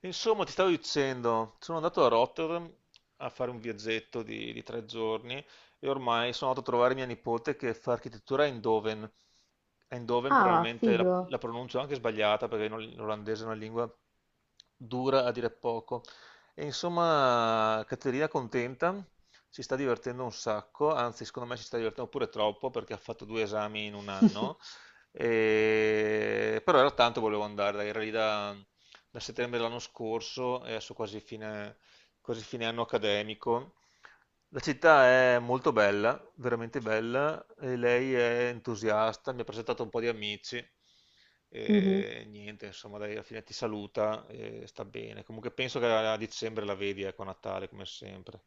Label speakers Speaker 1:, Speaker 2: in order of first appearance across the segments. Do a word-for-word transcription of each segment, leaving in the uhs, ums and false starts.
Speaker 1: Insomma, ti stavo dicendo, sono andato a Rotterdam a fare un viaggetto di, di tre giorni e ormai sono andato a trovare mia nipote che fa architettura a Eindhoven. Eindhoven
Speaker 2: Ah,
Speaker 1: probabilmente la,
Speaker 2: figo.
Speaker 1: la pronuncio anche sbagliata perché l'ol- l'olandese è una lingua dura a dire poco. E insomma, Caterina è contenta, si sta divertendo un sacco, anzi secondo me si sta divertendo pure troppo perché ha fatto due esami in un anno. E- Però era tanto che volevo andare, dai, era lì da da settembre dell'anno scorso e adesso quasi fine, quasi fine anno accademico. La città è molto bella, veramente bella, e lei è entusiasta, mi ha presentato un po' di amici
Speaker 2: Mhm.
Speaker 1: e niente, insomma, dai, alla fine ti saluta e sta bene. Comunque penso che a dicembre la vedi, ecco, a Natale, come sempre.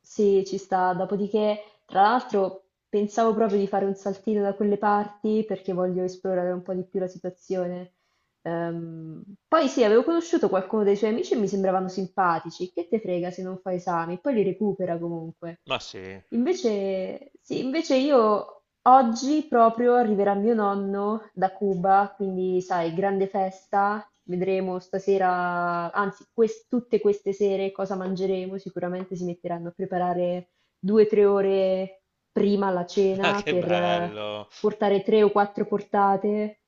Speaker 2: Sì, ci sta. Dopodiché, tra l'altro, pensavo proprio di fare un saltino da quelle parti perché voglio esplorare un po' di più la situazione. Ehm, Poi sì, avevo conosciuto qualcuno dei suoi amici e mi sembravano simpatici. Che te frega se non fa esami? Poi li recupera comunque.
Speaker 1: Ma sì,
Speaker 2: Invece, sì, invece io oggi proprio arriverà mio nonno da Cuba, quindi sai, grande festa. Vedremo stasera, anzi, quest- tutte queste sere cosa mangeremo. Sicuramente si metteranno a preparare due, tre ore prima la
Speaker 1: ah,
Speaker 2: cena
Speaker 1: che
Speaker 2: per eh,
Speaker 1: bello!
Speaker 2: portare tre o quattro portate.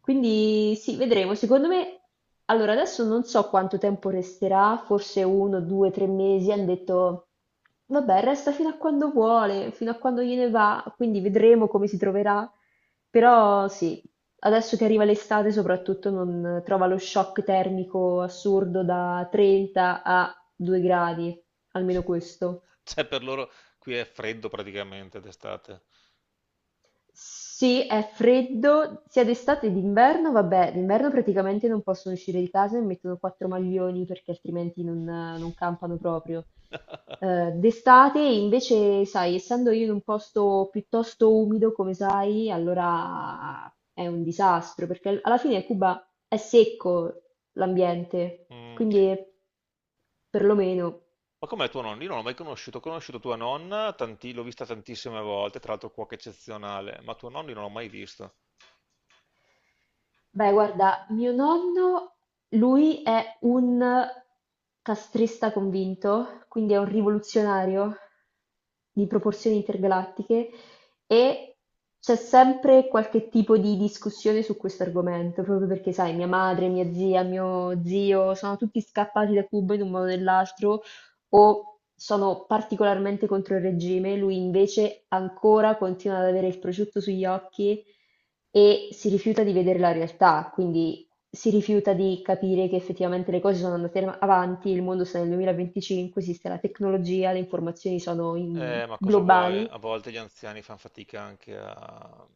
Speaker 2: Quindi sì, vedremo. Secondo me, allora adesso non so quanto tempo resterà, forse uno, due, tre mesi. Hanno detto, vabbè, resta fino a quando vuole, fino a quando gliene va, quindi vedremo come si troverà. Però sì, adesso che arriva l'estate soprattutto non trova lo shock termico assurdo da trenta a due gradi, almeno questo.
Speaker 1: Cioè, per loro qui è freddo praticamente d'estate.
Speaker 2: Sì, è freddo sia d'estate che d'inverno, vabbè, d'inverno praticamente non possono uscire di casa e mettono quattro maglioni perché altrimenti non, non campano proprio. Eh, d'estate invece, sai, essendo io in un posto piuttosto umido, come sai, allora è un disastro perché al- alla fine Cuba è secco l'ambiente,
Speaker 1: Mm.
Speaker 2: quindi perlomeno.
Speaker 1: Ma com'è tuo nonno? Io non l'ho mai conosciuto, ho conosciuto tua nonna, tanti- l'ho vista tantissime volte, tra l'altro cuoca eccezionale, ma tuo nonno io non l'ho mai visto.
Speaker 2: Beh, guarda, mio nonno, lui è un castrista convinto, quindi è un rivoluzionario di proporzioni intergalattiche, e c'è sempre qualche tipo di discussione su questo argomento, proprio perché, sai, mia madre, mia zia, mio zio, sono tutti scappati da Cuba in un modo o nell'altro o sono particolarmente contro il regime, lui invece ancora continua ad avere il prosciutto sugli occhi e si rifiuta di vedere la realtà, quindi si rifiuta di capire che effettivamente le cose sono andate avanti, il mondo sta nel duemilaventicinque, esiste la tecnologia, le informazioni sono in-
Speaker 1: Eh, ma cosa vuoi?
Speaker 2: globali.
Speaker 1: A volte gli anziani fanno fatica anche a...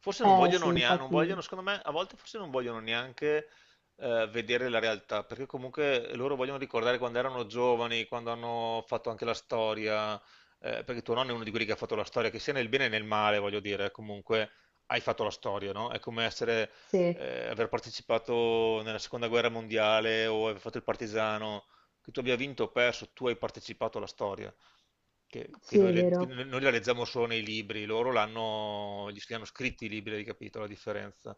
Speaker 1: Forse non
Speaker 2: Eh
Speaker 1: vogliono
Speaker 2: sì,
Speaker 1: neanche, non vogliono,
Speaker 2: infatti,
Speaker 1: secondo me, a volte forse non vogliono neanche eh, vedere la realtà, perché comunque loro vogliono ricordare quando erano giovani, quando hanno fatto anche la storia, eh, perché tuo nonno è uno di quelli che ha fatto la storia, che sia nel bene e nel male, voglio dire, comunque hai fatto la storia, no? È come essere,
Speaker 2: sì,
Speaker 1: eh, aver partecipato nella seconda guerra mondiale o aver fatto il partigiano, che tu abbia vinto o perso, tu hai partecipato alla storia che, che
Speaker 2: sì,
Speaker 1: noi,
Speaker 2: è
Speaker 1: le- che
Speaker 2: vero.
Speaker 1: noi la leggiamo solo nei libri, loro l'hanno, gli, hanno scritti i libri, hai capito la differenza?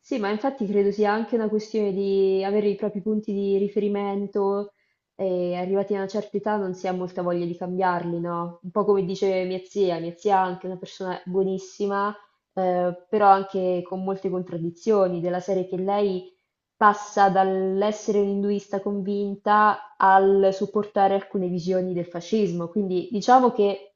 Speaker 2: Sì, ma infatti credo sia anche una questione di avere i propri punti di riferimento, e arrivati a una certa età non si ha molta voglia di cambiarli, no? Un po' come dice mia zia, mia zia è anche una persona buonissima, eh, però anche con molte contraddizioni, della serie che lei passa dall'essere un induista convinta al supportare alcune visioni del fascismo, quindi diciamo che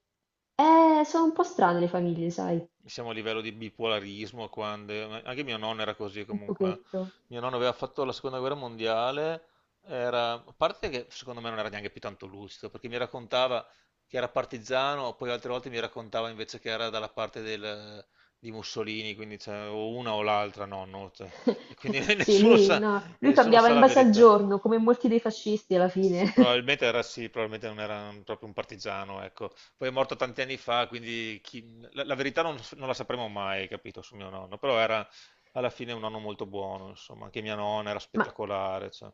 Speaker 2: eh, sono un po' strane le famiglie, sai,
Speaker 1: siamo a livello di bipolarismo, quando, anche mio nonno era così
Speaker 2: un
Speaker 1: comunque.
Speaker 2: pochetto.
Speaker 1: Mio nonno aveva fatto la seconda guerra mondiale, era, a parte che secondo me non era neanche più tanto lucido, perché mi raccontava che era partigiano, poi altre volte mi raccontava invece che era dalla parte del- di Mussolini, quindi cioè, o una o l'altra, nonno, cioè. E quindi
Speaker 2: Sì,
Speaker 1: nessuno
Speaker 2: lui,
Speaker 1: sa,
Speaker 2: no, lui
Speaker 1: nessuno
Speaker 2: cambiava
Speaker 1: sa
Speaker 2: in
Speaker 1: la
Speaker 2: base al
Speaker 1: verità.
Speaker 2: giorno, come molti dei fascisti alla fine.
Speaker 1: Probabilmente era sì, probabilmente non era proprio un partigiano, ecco poi è morto tanti anni fa, quindi chi- la, la verità non, non la sapremo mai, capito, su mio nonno, però era alla fine un nonno molto buono, insomma, anche mia nonna era
Speaker 2: Ma
Speaker 1: spettacolare, cioè.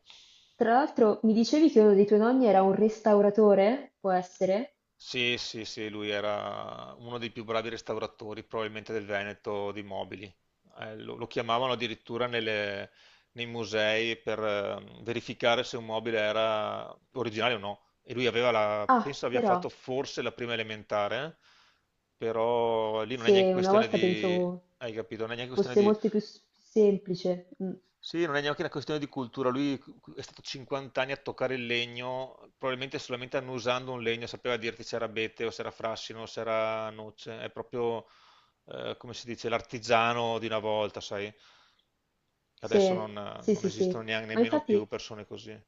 Speaker 2: tra l'altro mi dicevi che uno dei tuoi nonni era un restauratore? Può essere?
Speaker 1: Sì, sì, sì, lui era uno dei più bravi restauratori probabilmente del Veneto di mobili. Eh, lo, lo chiamavano addirittura nelle- nei musei per eh, verificare se un mobile era originale o no. E lui aveva la,
Speaker 2: Ah,
Speaker 1: penso abbia fatto
Speaker 2: però,
Speaker 1: forse la prima elementare, però lì non è neanche
Speaker 2: se una
Speaker 1: questione
Speaker 2: volta
Speaker 1: di,
Speaker 2: pensavo
Speaker 1: hai capito, non è neanche questione
Speaker 2: fosse
Speaker 1: di
Speaker 2: molto più s- semplice. Mm.
Speaker 1: sì, non è neanche una questione di cultura, lui è stato cinquanta anni a toccare il legno, probabilmente solamente annusando un legno sapeva dirti se era abete o se era frassino o se era noce, è proprio eh, come si dice l'artigiano di una volta, sai? Adesso
Speaker 2: Sì,
Speaker 1: non,
Speaker 2: sì,
Speaker 1: non
Speaker 2: sì,
Speaker 1: esistono
Speaker 2: sì.
Speaker 1: neanche
Speaker 2: Ma
Speaker 1: nemmeno più
Speaker 2: infatti
Speaker 1: persone così.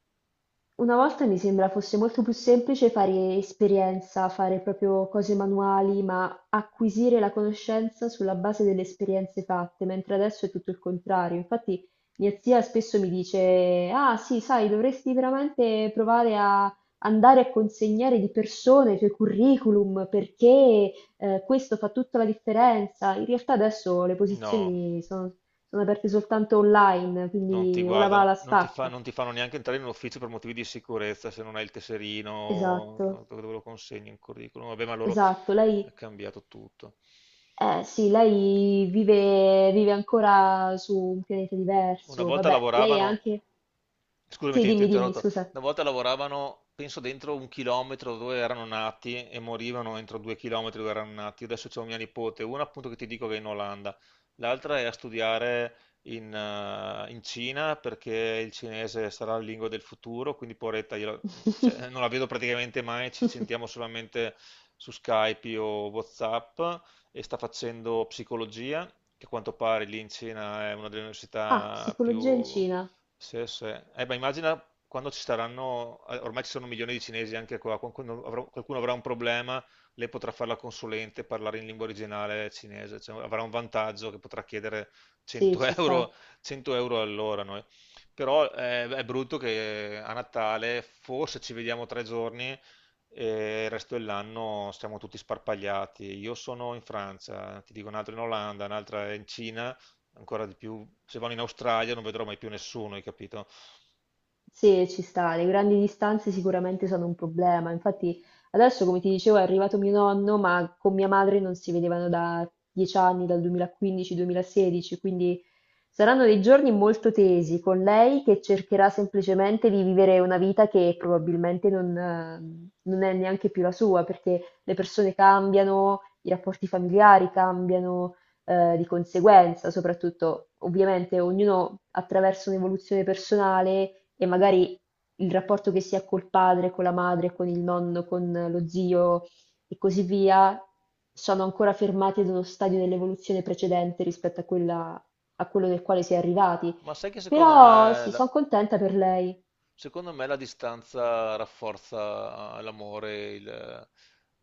Speaker 2: una volta mi sembra fosse molto più semplice fare esperienza, fare proprio cose manuali, ma acquisire la conoscenza sulla base delle esperienze fatte, mentre adesso è tutto il contrario. Infatti mia zia spesso mi dice, ah sì, sai, dovresti veramente provare a andare a consegnare di persona i tuoi curriculum perché eh, questo fa tutta la differenza. In realtà adesso le
Speaker 1: No,
Speaker 2: posizioni sono sono aperte soltanto online,
Speaker 1: non ti
Speaker 2: quindi o la va o
Speaker 1: guardano,
Speaker 2: la
Speaker 1: non ti fa-
Speaker 2: stacca.
Speaker 1: non ti fanno neanche entrare in un ufficio per motivi di sicurezza se non hai il tesserino,
Speaker 2: Esatto.
Speaker 1: no, dove dove lo consegni un curriculum. Vabbè, ma loro
Speaker 2: Esatto,
Speaker 1: è
Speaker 2: lei,
Speaker 1: cambiato tutto.
Speaker 2: eh, sì, lei vive, vive ancora su un pianeta
Speaker 1: Una
Speaker 2: diverso.
Speaker 1: volta
Speaker 2: Vabbè, lei è
Speaker 1: lavoravano,
Speaker 2: anche...
Speaker 1: scusami,
Speaker 2: Sì,
Speaker 1: ti ti ho
Speaker 2: dimmi, dimmi,
Speaker 1: interrotto,
Speaker 2: scusa.
Speaker 1: una volta lavoravano, penso, dentro un chilometro dove erano nati e morivano entro due chilometri dove erano nati. Adesso c'è mia nipote, una appunto che ti dico che è in Olanda, l'altra è a studiare in, eh, in Cina perché il cinese sarà la lingua del futuro, quindi poveretta, io la- cioè, non la vedo praticamente mai, ci sentiamo solamente su Skype o WhatsApp e sta facendo psicologia, che a quanto pare lì in Cina è una delle
Speaker 2: Ah,
Speaker 1: università
Speaker 2: psicologia in
Speaker 1: più...
Speaker 2: Cina.
Speaker 1: Sì, sì. Eh, beh, immagina quando ci saranno, eh, ormai ci sono milioni di cinesi anche qua, qualcuno avrà, qualcuno avrà un problema, lei potrà fare la consulente e parlare in lingua originale cinese, cioè, avrà un vantaggio che potrà chiedere
Speaker 2: Sì,
Speaker 1: cento
Speaker 2: ci
Speaker 1: euro,
Speaker 2: sta.
Speaker 1: cento euro all'ora noi. Però eh, è brutto che a Natale forse ci vediamo tre giorni e il resto dell'anno stiamo tutti sparpagliati. Io sono in Francia, ti dico un'altra in Olanda, un'altra in Cina, ancora di più. Se vanno in Australia non vedrò mai più nessuno, hai capito?
Speaker 2: Sì, ci sta, le grandi distanze sicuramente sono un problema. Infatti, adesso, come ti dicevo, è arrivato mio nonno, ma con mia madre non si vedevano da dieci anni, dal duemilaquindici-duemilasedici, quindi saranno dei giorni molto tesi con lei che cercherà semplicemente di vivere una vita che probabilmente non, eh, non è neanche più la sua, perché le persone cambiano, i rapporti familiari cambiano eh, di conseguenza, soprattutto ovviamente ognuno attraversa un'evoluzione personale, e magari il rapporto che si ha col padre, con la madre, con il nonno, con lo zio e così via, sono ancora fermati ad uno stadio dell'evoluzione precedente rispetto a quella- a quello del quale si è arrivati.
Speaker 1: Ma sai che secondo
Speaker 2: Però
Speaker 1: me
Speaker 2: sì, sono
Speaker 1: la-
Speaker 2: contenta per lei.
Speaker 1: Secondo me la distanza rafforza eh, l'amore, il-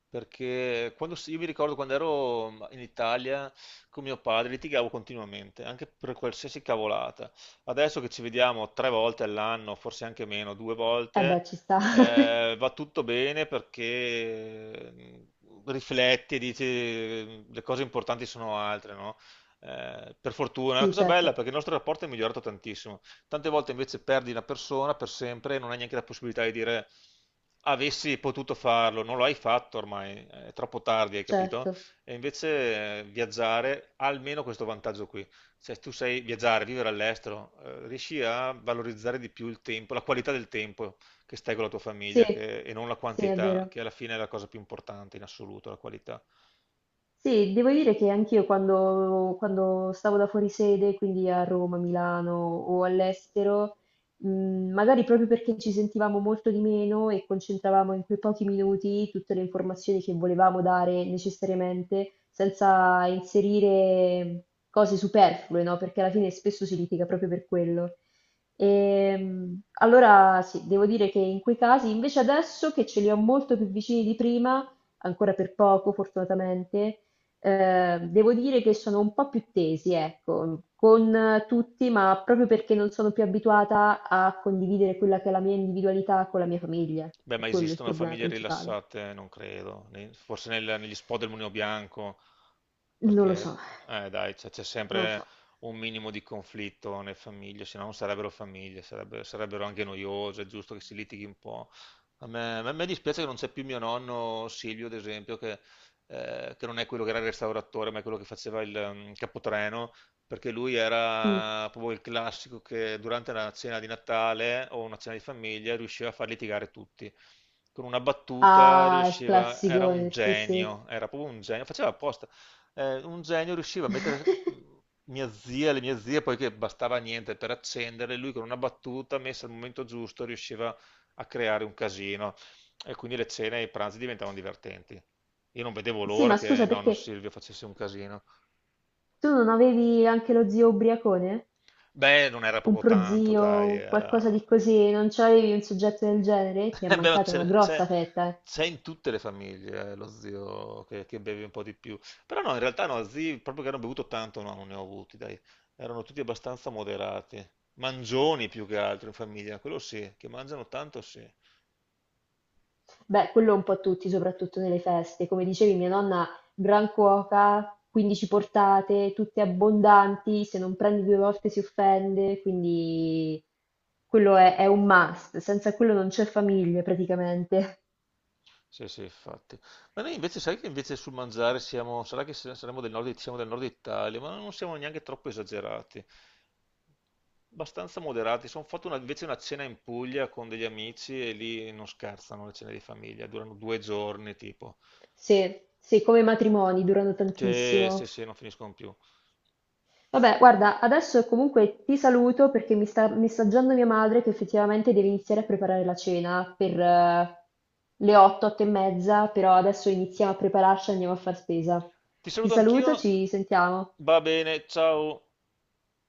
Speaker 1: perché quando, si- io mi ricordo quando ero mhmm, in Italia con mio padre litigavo continuamente, anche per qualsiasi cavolata. Adesso che ci vediamo tre volte all'anno, forse anche meno, due
Speaker 2: Eh
Speaker 1: volte,
Speaker 2: beh, ci sta.
Speaker 1: eh, va tutto bene perché mm, rifletti e dici mhmm, le cose importanti sono altre, no? Eh, per fortuna, è una
Speaker 2: Sì,
Speaker 1: cosa bella
Speaker 2: certo,
Speaker 1: perché il nostro rapporto è migliorato tantissimo. Tante volte invece perdi la persona per sempre e non hai neanche la possibilità di dire avessi potuto farlo, non lo hai fatto ormai, è troppo tardi, hai capito?
Speaker 2: certo.
Speaker 1: E invece eh, viaggiare ha almeno questo vantaggio qui. Cioè, tu sai viaggiare, vivere all'estero, eh, riesci a valorizzare di più il tempo, la qualità del tempo che stai con la tua
Speaker 2: Sì,
Speaker 1: famiglia che- e non la
Speaker 2: sì, è
Speaker 1: quantità,
Speaker 2: vero.
Speaker 1: che alla fine è la cosa più importante in assoluto, la qualità.
Speaker 2: Sì, devo dire che anch'io quando, quando stavo da fuori sede, quindi a Roma, Milano o all'estero, mh, magari proprio perché ci sentivamo molto di meno e concentravamo in quei pochi minuti tutte le informazioni che volevamo dare necessariamente, senza inserire cose superflue, no? Perché alla fine spesso si litiga proprio per quello. Ehm, allora sì, devo dire che in quei casi, invece adesso che ce li ho molto più vicini di prima, ancora per poco fortunatamente, eh, devo dire che sono un po' più tesi, ecco, con eh, tutti, ma proprio perché non sono più abituata a condividere quella che è la mia individualità con la mia famiglia.
Speaker 1: Beh,
Speaker 2: È
Speaker 1: ma
Speaker 2: quello il
Speaker 1: esistono
Speaker 2: problema
Speaker 1: famiglie
Speaker 2: principale.
Speaker 1: rilassate? Non credo. Ne- Forse nel- negli spot del Mulino Bianco,
Speaker 2: Non lo so,
Speaker 1: perché, eh, dai, c'è c'è
Speaker 2: non lo
Speaker 1: sempre
Speaker 2: so.
Speaker 1: un minimo di conflitto nelle famiglie, se no non sarebbero famiglie, sarebbe- sarebbero anche noiose, è giusto che si litighi un po'. A me, a me dispiace che non c'è più mio nonno Silvio, ad esempio, che, eh, che non è quello che era il restauratore, ma è quello che faceva il mm, capotreno perché lui
Speaker 2: Mm.
Speaker 1: era proprio il classico che durante una cena di Natale o una cena di famiglia riusciva a far litigare tutti. Con una battuta
Speaker 2: Ah, il
Speaker 1: riusciva, era un
Speaker 2: classicone, sì, sì.
Speaker 1: genio, era proprio un genio, faceva apposta. Eh, un genio riusciva a mettere mm, mia zia, le mie zie, poiché bastava niente per accendere, lui con una battuta messa al momento giusto riusciva a creare un casino e quindi le cene e i pranzi diventavano divertenti. Io non vedevo
Speaker 2: Sì,
Speaker 1: l'ora
Speaker 2: ma
Speaker 1: che
Speaker 2: scusa,
Speaker 1: nonno
Speaker 2: perché
Speaker 1: Silvio facesse un casino.
Speaker 2: tu non avevi anche lo zio ubriacone?
Speaker 1: Beh, non era
Speaker 2: Un
Speaker 1: proprio tanto, dai,
Speaker 2: prozio, qualcosa
Speaker 1: era...
Speaker 2: di così, non c'avevi un soggetto del genere? Ti è
Speaker 1: Beh, ma
Speaker 2: mancata una
Speaker 1: c'è c'è-
Speaker 2: grossa fetta, eh.
Speaker 1: c'è in tutte le famiglie eh, lo zio che, che beve un po' di più. Però no, in realtà no, zii proprio che hanno bevuto tanto, no, non ne ho avuti, dai. Erano tutti abbastanza moderati. Mangioni più che altro in famiglia, quello sì, che mangiano tanto sì.
Speaker 2: Beh, quello un po' tutti, soprattutto nelle feste. Come dicevi, mia nonna, gran cuoca, quindici portate, tutte abbondanti, se non prendi due volte si offende, quindi quello è, è un must. Senza quello non c'è famiglia praticamente.
Speaker 1: Sì, sì, infatti. Ma noi invece, sai che invece sul mangiare siamo, sarà che se- saremo del nord, siamo del nord Italia, ma non siamo neanche troppo esagerati, abbastanza moderati. Sono fatto una- invece una cena in Puglia con degli amici e lì non scherzano le cene di famiglia, durano due giorni tipo.
Speaker 2: Se, se come matrimoni durano
Speaker 1: Cioè, sì,
Speaker 2: tantissimo.
Speaker 1: sì, non finiscono più.
Speaker 2: Vabbè, guarda, adesso comunque ti saluto perché mi sta messaggiando mia madre che effettivamente deve iniziare a preparare la cena per eh, le otto, otto e mezza, però adesso iniziamo a prepararci e andiamo a far spesa.
Speaker 1: Ti
Speaker 2: Ti
Speaker 1: saluto anch'io,
Speaker 2: saluto, ci sentiamo.
Speaker 1: va bene, ciao.